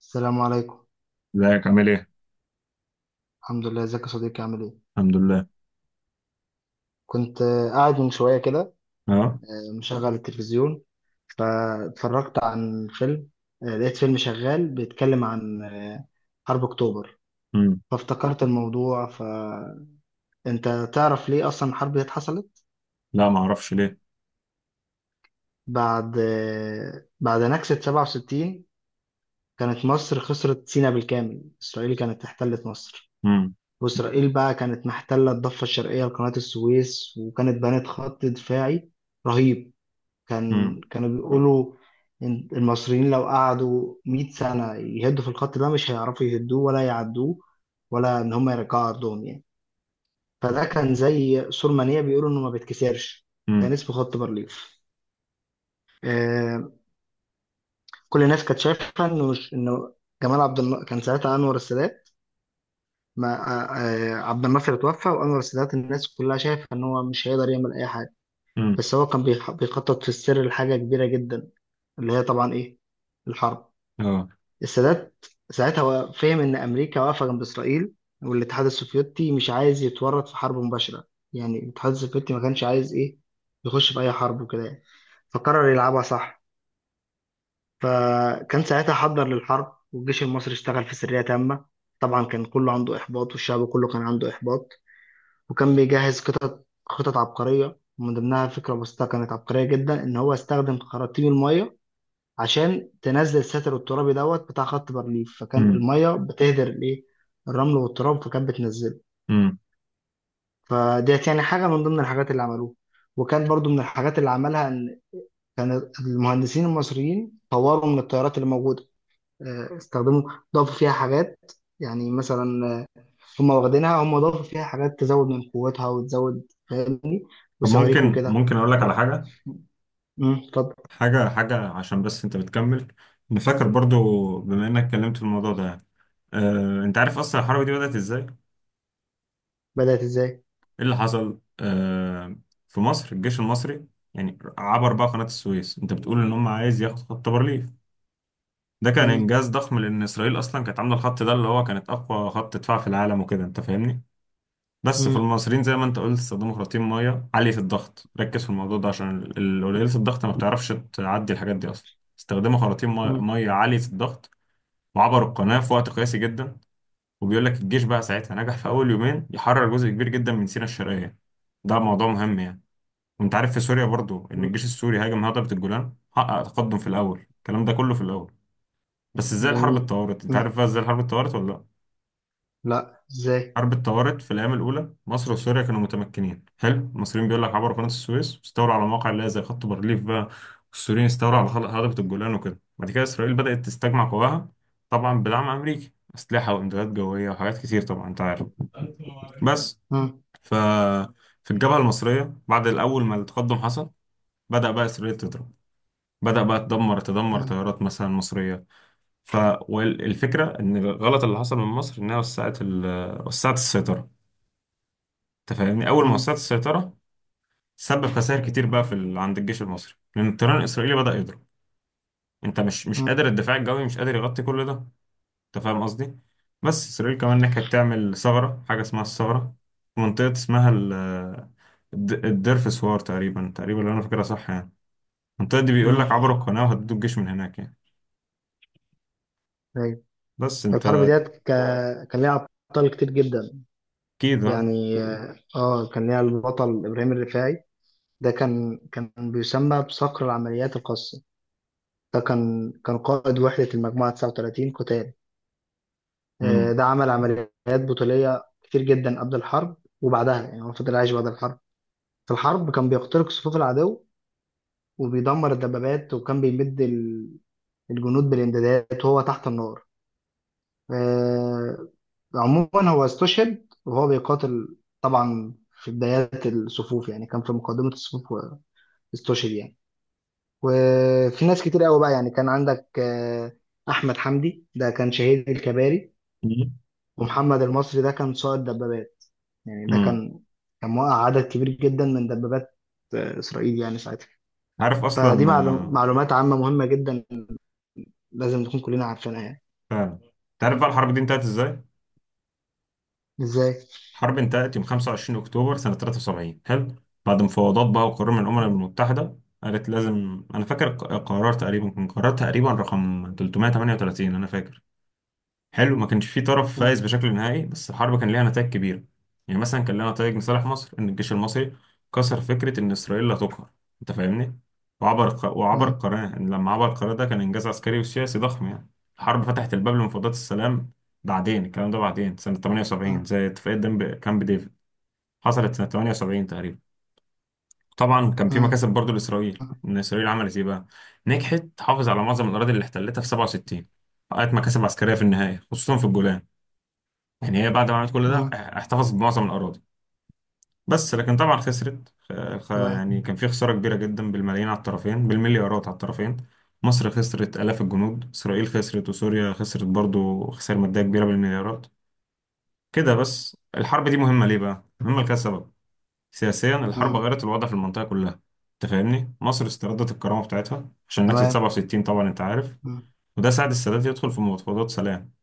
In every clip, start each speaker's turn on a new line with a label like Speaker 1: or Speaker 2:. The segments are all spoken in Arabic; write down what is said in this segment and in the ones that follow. Speaker 1: السلام عليكم.
Speaker 2: ازيك عامل ايه؟
Speaker 1: الحمد لله، ازيك يا صديقي؟ عامل ايه؟
Speaker 2: الحمد لله.
Speaker 1: كنت قاعد من شويه كده.
Speaker 2: اه.
Speaker 1: مشغل التلفزيون، فاتفرجت عن فيلم. لقيت فيلم شغال بيتكلم عن حرب اكتوبر.
Speaker 2: امم.
Speaker 1: فافتكرت الموضوع، فانت تعرف ليه اصلا الحرب دي اتحصلت؟
Speaker 2: لا، ما اعرفش ليه.
Speaker 1: بعد نكسة 67 كانت مصر خسرت سيناء بالكامل، اسرائيل كانت احتلت مصر.
Speaker 2: امم.
Speaker 1: واسرائيل بقى كانت محتله الضفه الشرقيه لقناه السويس، وكانت بنت خط دفاعي رهيب. كان
Speaker 2: امم.
Speaker 1: كانوا بيقولوا إن المصريين لو قعدوا 100 سنة يهدوا في الخط ده مش هيعرفوا يهدوه ولا يعدوه، ولا إن هم يرجعوا أرضهم يعني. فده كان زي سور منيع بيقولوا إنه ما بيتكسرش. كان
Speaker 2: امم.
Speaker 1: اسمه خط بارليف. آه كل الناس كانت شايفة إنه مش إنه جمال عبد الناصر كان ساعتها أنور السادات. ما آه آه، عبد الناصر اتوفى، وأنور السادات الناس كلها شايفة إن هو مش هيقدر يعمل أي حاجة.
Speaker 2: امم.
Speaker 1: بس هو كان بيخطط في السر لحاجة كبيرة جدا. اللي هي طبعا إيه؟ الحرب.
Speaker 2: اه.
Speaker 1: السادات ساعتها هو فهم إن أمريكا واقفة جنب إسرائيل، والاتحاد السوفيتي مش عايز يتورط في حرب مباشرة. يعني الاتحاد السوفيتي ما كانش عايز إيه، يخش في أي حرب وكده يعني. فقرر يلعبها صح. فكان ساعتها حضر للحرب، والجيش المصري اشتغل في سرية تامة. طبعا كان كله عنده إحباط، والشعب كله كان عنده إحباط. وكان بيجهز خطط خطط عبقرية، ومن ضمنها فكرة بسيطة كانت عبقرية جدا إن هو استخدم خراطيم المية عشان تنزل الساتر الترابي دوت بتاع خط بارليف. فكان
Speaker 2: امم.
Speaker 1: المية بتهدر الايه، الرمل والتراب، فكانت بتنزله.
Speaker 2: امم.
Speaker 1: فديت يعني حاجة من ضمن الحاجات اللي عملوها. وكان برضو من الحاجات اللي عملها ان كان المهندسين المصريين طوروا من الطيارات اللي موجودة. استخدموا، ضافوا فيها حاجات. يعني مثلا، هم واخدينها، هم ضافوا فيها حاجات تزود من قوتها وتزود، فاهم؟
Speaker 2: طب،
Speaker 1: وصواريخ
Speaker 2: ممكن
Speaker 1: وكده.
Speaker 2: اقول لك على حاجه.
Speaker 1: امم، اتفضل.
Speaker 2: حاجه عشان بس انت بتكمل. انا فاكر برضو، بما انك اتكلمت في الموضوع ده يعني. انت عارف اصلا الحرب دي بدأت ازاي؟ ايه
Speaker 1: بدأت ازاي؟
Speaker 2: اللي حصل؟ في مصر الجيش المصري يعني عبر بقى قناة السويس. انت بتقول ان هم عايز ياخد خط بارليف، ده كان
Speaker 1: امم.
Speaker 2: انجاز ضخم لان اسرائيل اصلا كانت عامله الخط ده اللي هو كانت اقوى خط دفاع في العالم وكده، انت فاهمني؟ بس
Speaker 1: امم.
Speaker 2: فالمصريين زي ما انت قلت استخدموا خراطيم ميه عاليه الضغط. ركز في الموضوع ده عشان قليله الضغط ما بتعرفش تعدي الحاجات دي اصلا. استخدموا خراطيم
Speaker 1: امم.
Speaker 2: ميه عاليه الضغط، وعبروا القناه في وقت قياسي جدا. وبيقول لك الجيش بقى ساعتها نجح في اول يومين يحرر جزء كبير جدا من سيناء الشرقيه، ده موضوع مهم يعني. وانت عارف في سوريا برضو ان الجيش السوري هاجم هضبه الجولان، حقق تقدم في الاول، الكلام ده كله في الاول. بس ازاي الحرب
Speaker 1: جميل.
Speaker 2: اتطورت؟ انت عارف بقى ازاي الحرب اتطورت ولا لا؟
Speaker 1: لا، ازاي؟
Speaker 2: حرب الطوارئ في الأيام الأولى مصر وسوريا كانوا متمكنين حلو. المصريين بيقول لك عبروا قناة السويس واستولوا على مواقع اللي هي زي خط بارليف بقى. والسوريين استولوا على هضبة الجولان وكده. بعد كده إسرائيل بدأت تستجمع قواها، طبعا بدعم أمريكي، أسلحة وإمدادات جوية وحاجات كتير طبعا أنت عارف. بس
Speaker 1: مم.
Speaker 2: ف في الجبهة المصرية بعد الأول ما التقدم حصل بدأ بقى إسرائيل تضرب. بدأ بقى تدمر
Speaker 1: مم.
Speaker 2: طيارات مثلا مصرية. ف والفكرة إن الغلط اللي حصل من مصر إنها وسعت وسعت السيطرة. انت فاهمني اول ما
Speaker 1: مم.
Speaker 2: وسعت السيطره سبب خسائر كتير بقى في عند الجيش المصري لان الطيران الاسرائيلي بدا يضرب. انت مش
Speaker 1: مم.
Speaker 2: قادر، الدفاع الجوي مش قادر يغطي كل ده، انت فاهم قصدي؟ بس اسرائيل كمان نجحت تعمل ثغره، حاجه اسمها الثغره، في منطقه اسمها الدير في سوار، تقريبا تقريبا لو انا فاكرها صح يعني. المنطقه دي بيقول لك
Speaker 1: مم.
Speaker 2: عبروا القناه وهددوا الجيش من هناك يعني.
Speaker 1: ايوه.
Speaker 2: بس
Speaker 1: الحرب
Speaker 2: انت.
Speaker 1: ديت كان ليها ابطال كتير جدا
Speaker 2: اكيد، اه.
Speaker 1: يعني. اه، كان ليها البطل ابراهيم الرفاعي. ده كان بيسمى بصقر العمليات الخاصه. ده كان قائد وحده المجموعه 39 قتال.
Speaker 2: امم.
Speaker 1: ده عمل عمليات بطوليه كتير جدا قبل الحرب وبعدها. يعني هو فضل عايش بعد الحرب. في الحرب كان بيخترق صفوف العدو وبيدمر الدبابات، وكان بيمد الجنود بالامدادات وهو تحت النار. آه، عموما هو استشهد وهو بيقاتل، طبعا في بدايات الصفوف، يعني كان في مقدمة الصفوف واستشهد يعني. وفي ناس كتير قوي بقى، يعني كان عندك أحمد حمدي، ده كان شهيد الكباري. ومحمد المصري ده كان سائق دبابات. يعني ده
Speaker 2: امم.
Speaker 1: كان كان موقع عدد كبير جدا من دبابات إسرائيل يعني ساعتها.
Speaker 2: عارف اصلا
Speaker 1: فدي معلومات عامة مهمة جدا، لازم نكون كلنا عارفينها يعني.
Speaker 2: فعلا. انت عارف بقى الحرب دي انتهت ازاي؟
Speaker 1: ازاي؟
Speaker 2: حرب انتهت يوم 25 أكتوبر سنة 73 حلو. بعد مفاوضات بقى وقرار من الأمم
Speaker 1: م-
Speaker 2: المتحدة قالت لازم، أنا فاكر قرار تقريبا كان قرار تقريبا رقم 338 أنا فاكر حلو. ما كانش في طرف فايز بشكل نهائي، بس الحرب كان ليها نتائج كبيرة. يعني مثلا كان لها نتائج لصالح مصر، إن الجيش المصري كسر فكرة إن إسرائيل لا تقهر، أنت فاهمني. وعبر
Speaker 1: م-
Speaker 2: القناة، إن لما عبر القناة ده كان إنجاز عسكري وسياسي ضخم يعني. الحرب فتحت الباب لمفاوضات السلام، بعدين الكلام ده بعدين سنة 78
Speaker 1: م-
Speaker 2: زي اتفاقية كامب ديفيد حصلت سنة 78 تقريبا. طبعا كان في
Speaker 1: م-
Speaker 2: مكاسب برضو لإسرائيل،
Speaker 1: م-
Speaker 2: إن إسرائيل عملت إيه بقى. نجحت تحافظ على معظم الأراضي اللي احتلتها في 67، حققت مكاسب عسكرية في النهاية خصوصا في الجولان. يعني هي بعد ما عملت كل ده
Speaker 1: م-
Speaker 2: احتفظت بمعظم الأراضي. بس لكن طبعا خسرت
Speaker 1: تمام.
Speaker 2: يعني كان في خسارة كبيرة جدا بالملايين على الطرفين، بالمليارات على الطرفين. مصر خسرت آلاف الجنود، إسرائيل خسرت وسوريا خسرت برضو خسائر مادية كبيرة بالمليارات. كده بس الحرب دي مهمة ليه بقى؟ مهمة لكذا سبب. سياسيا الحرب
Speaker 1: م-
Speaker 2: غيرت الوضع في المنطقة كلها، انت فاهمني. مصر استردت الكرامة بتاعتها عشان نكسة
Speaker 1: تمام.
Speaker 2: 67 طبعا انت عارف.
Speaker 1: مم.
Speaker 2: وده ساعد السادات يدخل في مفاوضات سلام.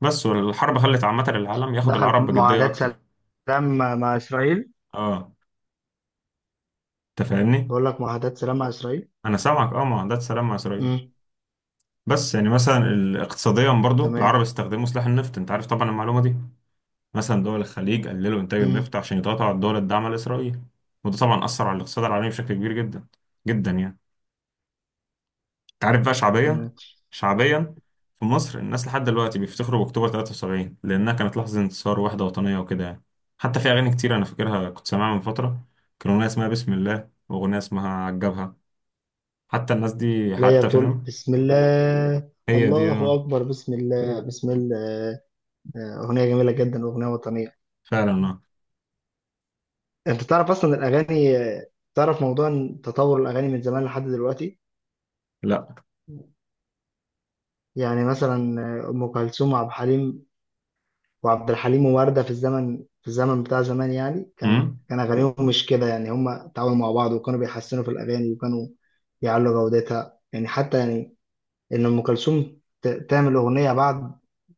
Speaker 2: بس والحرب خلت عامة العالم ياخد
Speaker 1: دخل في
Speaker 2: العرب بجدية
Speaker 1: معاهدات
Speaker 2: أكتر.
Speaker 1: سلام مع إسرائيل.
Speaker 2: اه. انت فاهمني.
Speaker 1: بقول لك معاهدات سلام مع إسرائيل.
Speaker 2: انا سامعك، اه، معاهدات سلام مع إسرائيل.
Speaker 1: مم.
Speaker 2: بس يعني مثلا اقتصاديا برضو
Speaker 1: تمام.
Speaker 2: العرب استخدموا سلاح النفط، انت عارف طبعا المعلومة دي. مثلا دول الخليج قللوا انتاج النفط
Speaker 1: مم.
Speaker 2: عشان يضغطوا على الدول الداعمة لإسرائيل. وده طبعا أثر على الاقتصاد العالمي بشكل كبير جدا، جدا يعني. تعرف بقى شعبيا.
Speaker 1: تمام.
Speaker 2: شعبيا في مصر الناس لحد دلوقتي بيفتخروا باكتوبر 73 لانها كانت لحظه انتصار وحده وطنيه وكده يعني. حتى في اغاني كتير انا فاكرها كنت سامعها من فتره. كان اغنيه اسمها بسم الله واغنيه اسمها عجبها. حتى الناس دي
Speaker 1: لا، هي
Speaker 2: حتى
Speaker 1: بتقول
Speaker 2: فاهم.
Speaker 1: بسم الله
Speaker 2: هي دي
Speaker 1: الله أكبر بسم الله بسم الله. أغنية جميلة جدا، أغنية وطنية.
Speaker 2: فعلا، اه.
Speaker 1: أنت تعرف أصلا الأغاني، تعرف موضوع إن تطور الأغاني من زمان لحد دلوقتي؟
Speaker 2: لا.
Speaker 1: يعني مثلا، أم كلثوم وعبد الحليم، وعبد الحليم ووردة في الزمن بتاع زمان. يعني كان
Speaker 2: امم.
Speaker 1: كان أغانيهم مش كده، يعني هم تعاونوا مع بعض وكانوا بيحسنوا في الأغاني وكانوا بيعلوا جودتها يعني. حتى يعني إن أم كلثوم تعمل أغنية بعد،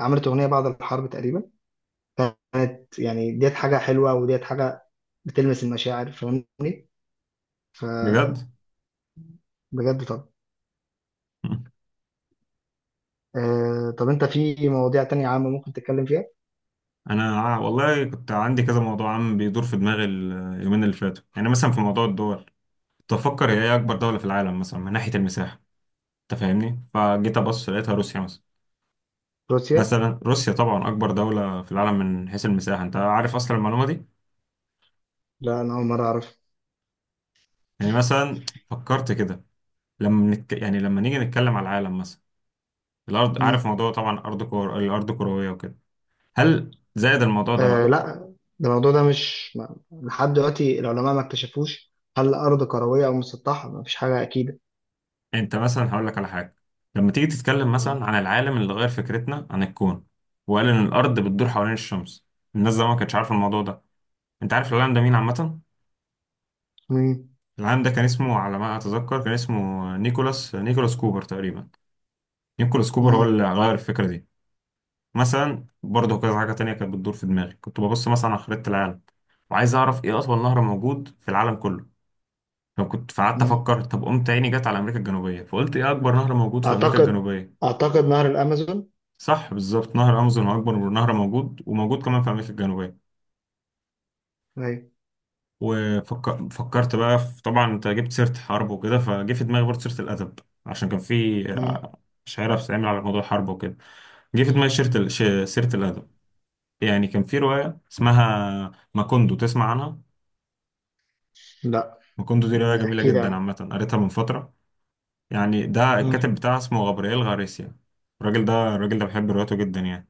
Speaker 1: عملت أغنية بعد الحرب تقريبا. كانت يعني ديت حاجة حلوة، وديت حاجة بتلمس المشاعر، فاهمني؟
Speaker 2: بجد.
Speaker 1: فبجد. طب،
Speaker 2: مم.
Speaker 1: طب أنت في مواضيع تانية عامة ممكن تتكلم فيها؟
Speaker 2: انا والله كنت عندي كذا موضوع عم بيدور في دماغي اليومين اللي فاتوا، يعني مثلا في موضوع الدول. كنت بفكر هي ايه اكبر دوله في العالم مثلا من ناحيه المساحه؟ انت فاهمني، فجيت ابص لقيتها روسيا مثلا.
Speaker 1: روسيا.
Speaker 2: مثلا روسيا طبعا اكبر دولة في العالم من حيث المساحة، انت عارف اصلا المعلومة دي.
Speaker 1: لا، أنا أول مرة أعرف.
Speaker 2: يعني مثلا فكرت كده. لما يعني لما نيجي نتكلم على العالم مثلا، الارض، عارف
Speaker 1: مم.
Speaker 2: موضوع طبعا ارض الارض كروية وكده. هل زائد الموضوع ده بقى.
Speaker 1: لا، ده الموضوع ده مش لحد دلوقتي العلماء ما اكتشفوش هل الأرض كروية أو مسطحة. ما فيش حاجة أكيدة.
Speaker 2: انت مثلا هقول لك على حاجة، لما تيجي تتكلم مثلا
Speaker 1: مم.
Speaker 2: عن العالم اللي غير فكرتنا عن الكون، وقال ان الارض بتدور حوالين الشمس. الناس زمان ما كانتش عارفة الموضوع ده. انت عارف العالم ده مين عامة؟
Speaker 1: مم.
Speaker 2: العالم ده كان اسمه على ما اتذكر، كان اسمه نيكولاس كوبر تقريبا. نيكولاس كوبر هو
Speaker 1: مم.
Speaker 2: اللي غير الفكرة دي. مثلا برضه كذا حاجة تانية كانت بتدور في دماغي، كنت ببص مثلا على خريطة العالم، وعايز أعرف إيه أطول نهر موجود في العالم كله. فكنت فقعدت
Speaker 1: مم.
Speaker 2: أفكر، طب قمت عيني جت على أمريكا الجنوبية، فقلت إيه أكبر نهر موجود في أمريكا
Speaker 1: أعتقد
Speaker 2: الجنوبية؟
Speaker 1: أعتقد نهر الأمازون.
Speaker 2: صح بالظبط، نهر أمازون هو أكبر نهر موجود وموجود كمان في أمريكا الجنوبية.
Speaker 1: أيوة.
Speaker 2: وفكرت بقى في، طبعا أنت جبت سيرة حرب وكده، فجه في دماغي برضه سيرة الأدب. عشان كان في
Speaker 1: مم.
Speaker 2: شعيرة بتتعمل على موضوع الحرب وكده. جه في دماغي سيرة سيرة الأدب. يعني كان في رواية اسمها ماكوندو، تسمع عنها؟
Speaker 1: لا.
Speaker 2: مكوندو دي رواية جميلة
Speaker 1: احكي لي
Speaker 2: جدا
Speaker 1: عنه.
Speaker 2: عامة قريتها من فترة. يعني ده
Speaker 1: مم.
Speaker 2: الكاتب بتاعها اسمه غابرييل غاريسيا. الراجل ده بحب رواياته جدا يعني.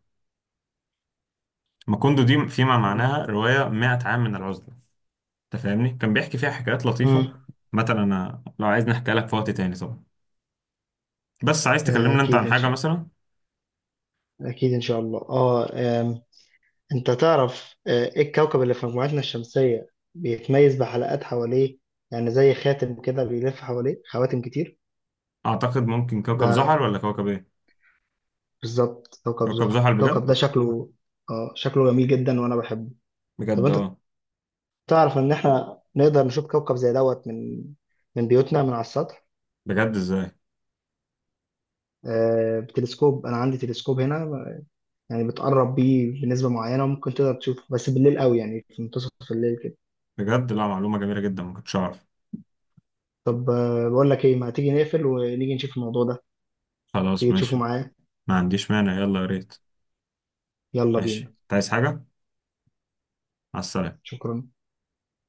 Speaker 2: مكوندو دي فيما
Speaker 1: تمام.
Speaker 2: معناها رواية 100 عام من العزلة. انت فاهمني، كان بيحكي فيها حكايات لطيفة.
Speaker 1: مم.
Speaker 2: مثلا انا لو عايز نحكي لك في وقت تاني طبعا، بس عايز
Speaker 1: آه،
Speaker 2: تكلمنا انت
Speaker 1: أكيد
Speaker 2: عن
Speaker 1: إن
Speaker 2: حاجة
Speaker 1: شاء
Speaker 2: مثلا.
Speaker 1: أكيد إن شاء الله. أه آم، أنت تعرف إيه الكوكب اللي في مجموعتنا الشمسية بيتميز بحلقات حواليه؟ يعني زي خاتم كده بيلف حواليه خواتم كتير.
Speaker 2: اعتقد ممكن كوكب زحل
Speaker 1: ده
Speaker 2: ولا كوكب ايه؟
Speaker 1: بالظبط كوكب
Speaker 2: كوكب
Speaker 1: زحل.
Speaker 2: زحل
Speaker 1: الكوكب
Speaker 2: بجد؟
Speaker 1: ده شكله، اه، شكله جميل جدا وانا بحبه. طب
Speaker 2: بجد،
Speaker 1: انت
Speaker 2: اه.
Speaker 1: تعرف ان احنا نقدر نشوف كوكب زي دوت من بيوتنا من على السطح؟
Speaker 2: بجد، ازاي؟
Speaker 1: بتلسكوب. انا عندي تلسكوب هنا، يعني بتقرب بيه بنسبة معينة ممكن تقدر تشوفه، بس بالليل قوي يعني في منتصف الليل كده.
Speaker 2: بجد، لا، معلومة جميلة جدا ما كنتش اعرف.
Speaker 1: طب بقول لك ايه، ما تيجي نقفل ونيجي نشوف الموضوع ده؟
Speaker 2: خلاص
Speaker 1: تيجي تشوفه
Speaker 2: ماشي.
Speaker 1: معايا.
Speaker 2: ما عنديش مانع، يلا يا ريت.
Speaker 1: يلا
Speaker 2: ماشي،
Speaker 1: بينا.
Speaker 2: انت عايز حاجة؟ مع السلامة.
Speaker 1: شكرا.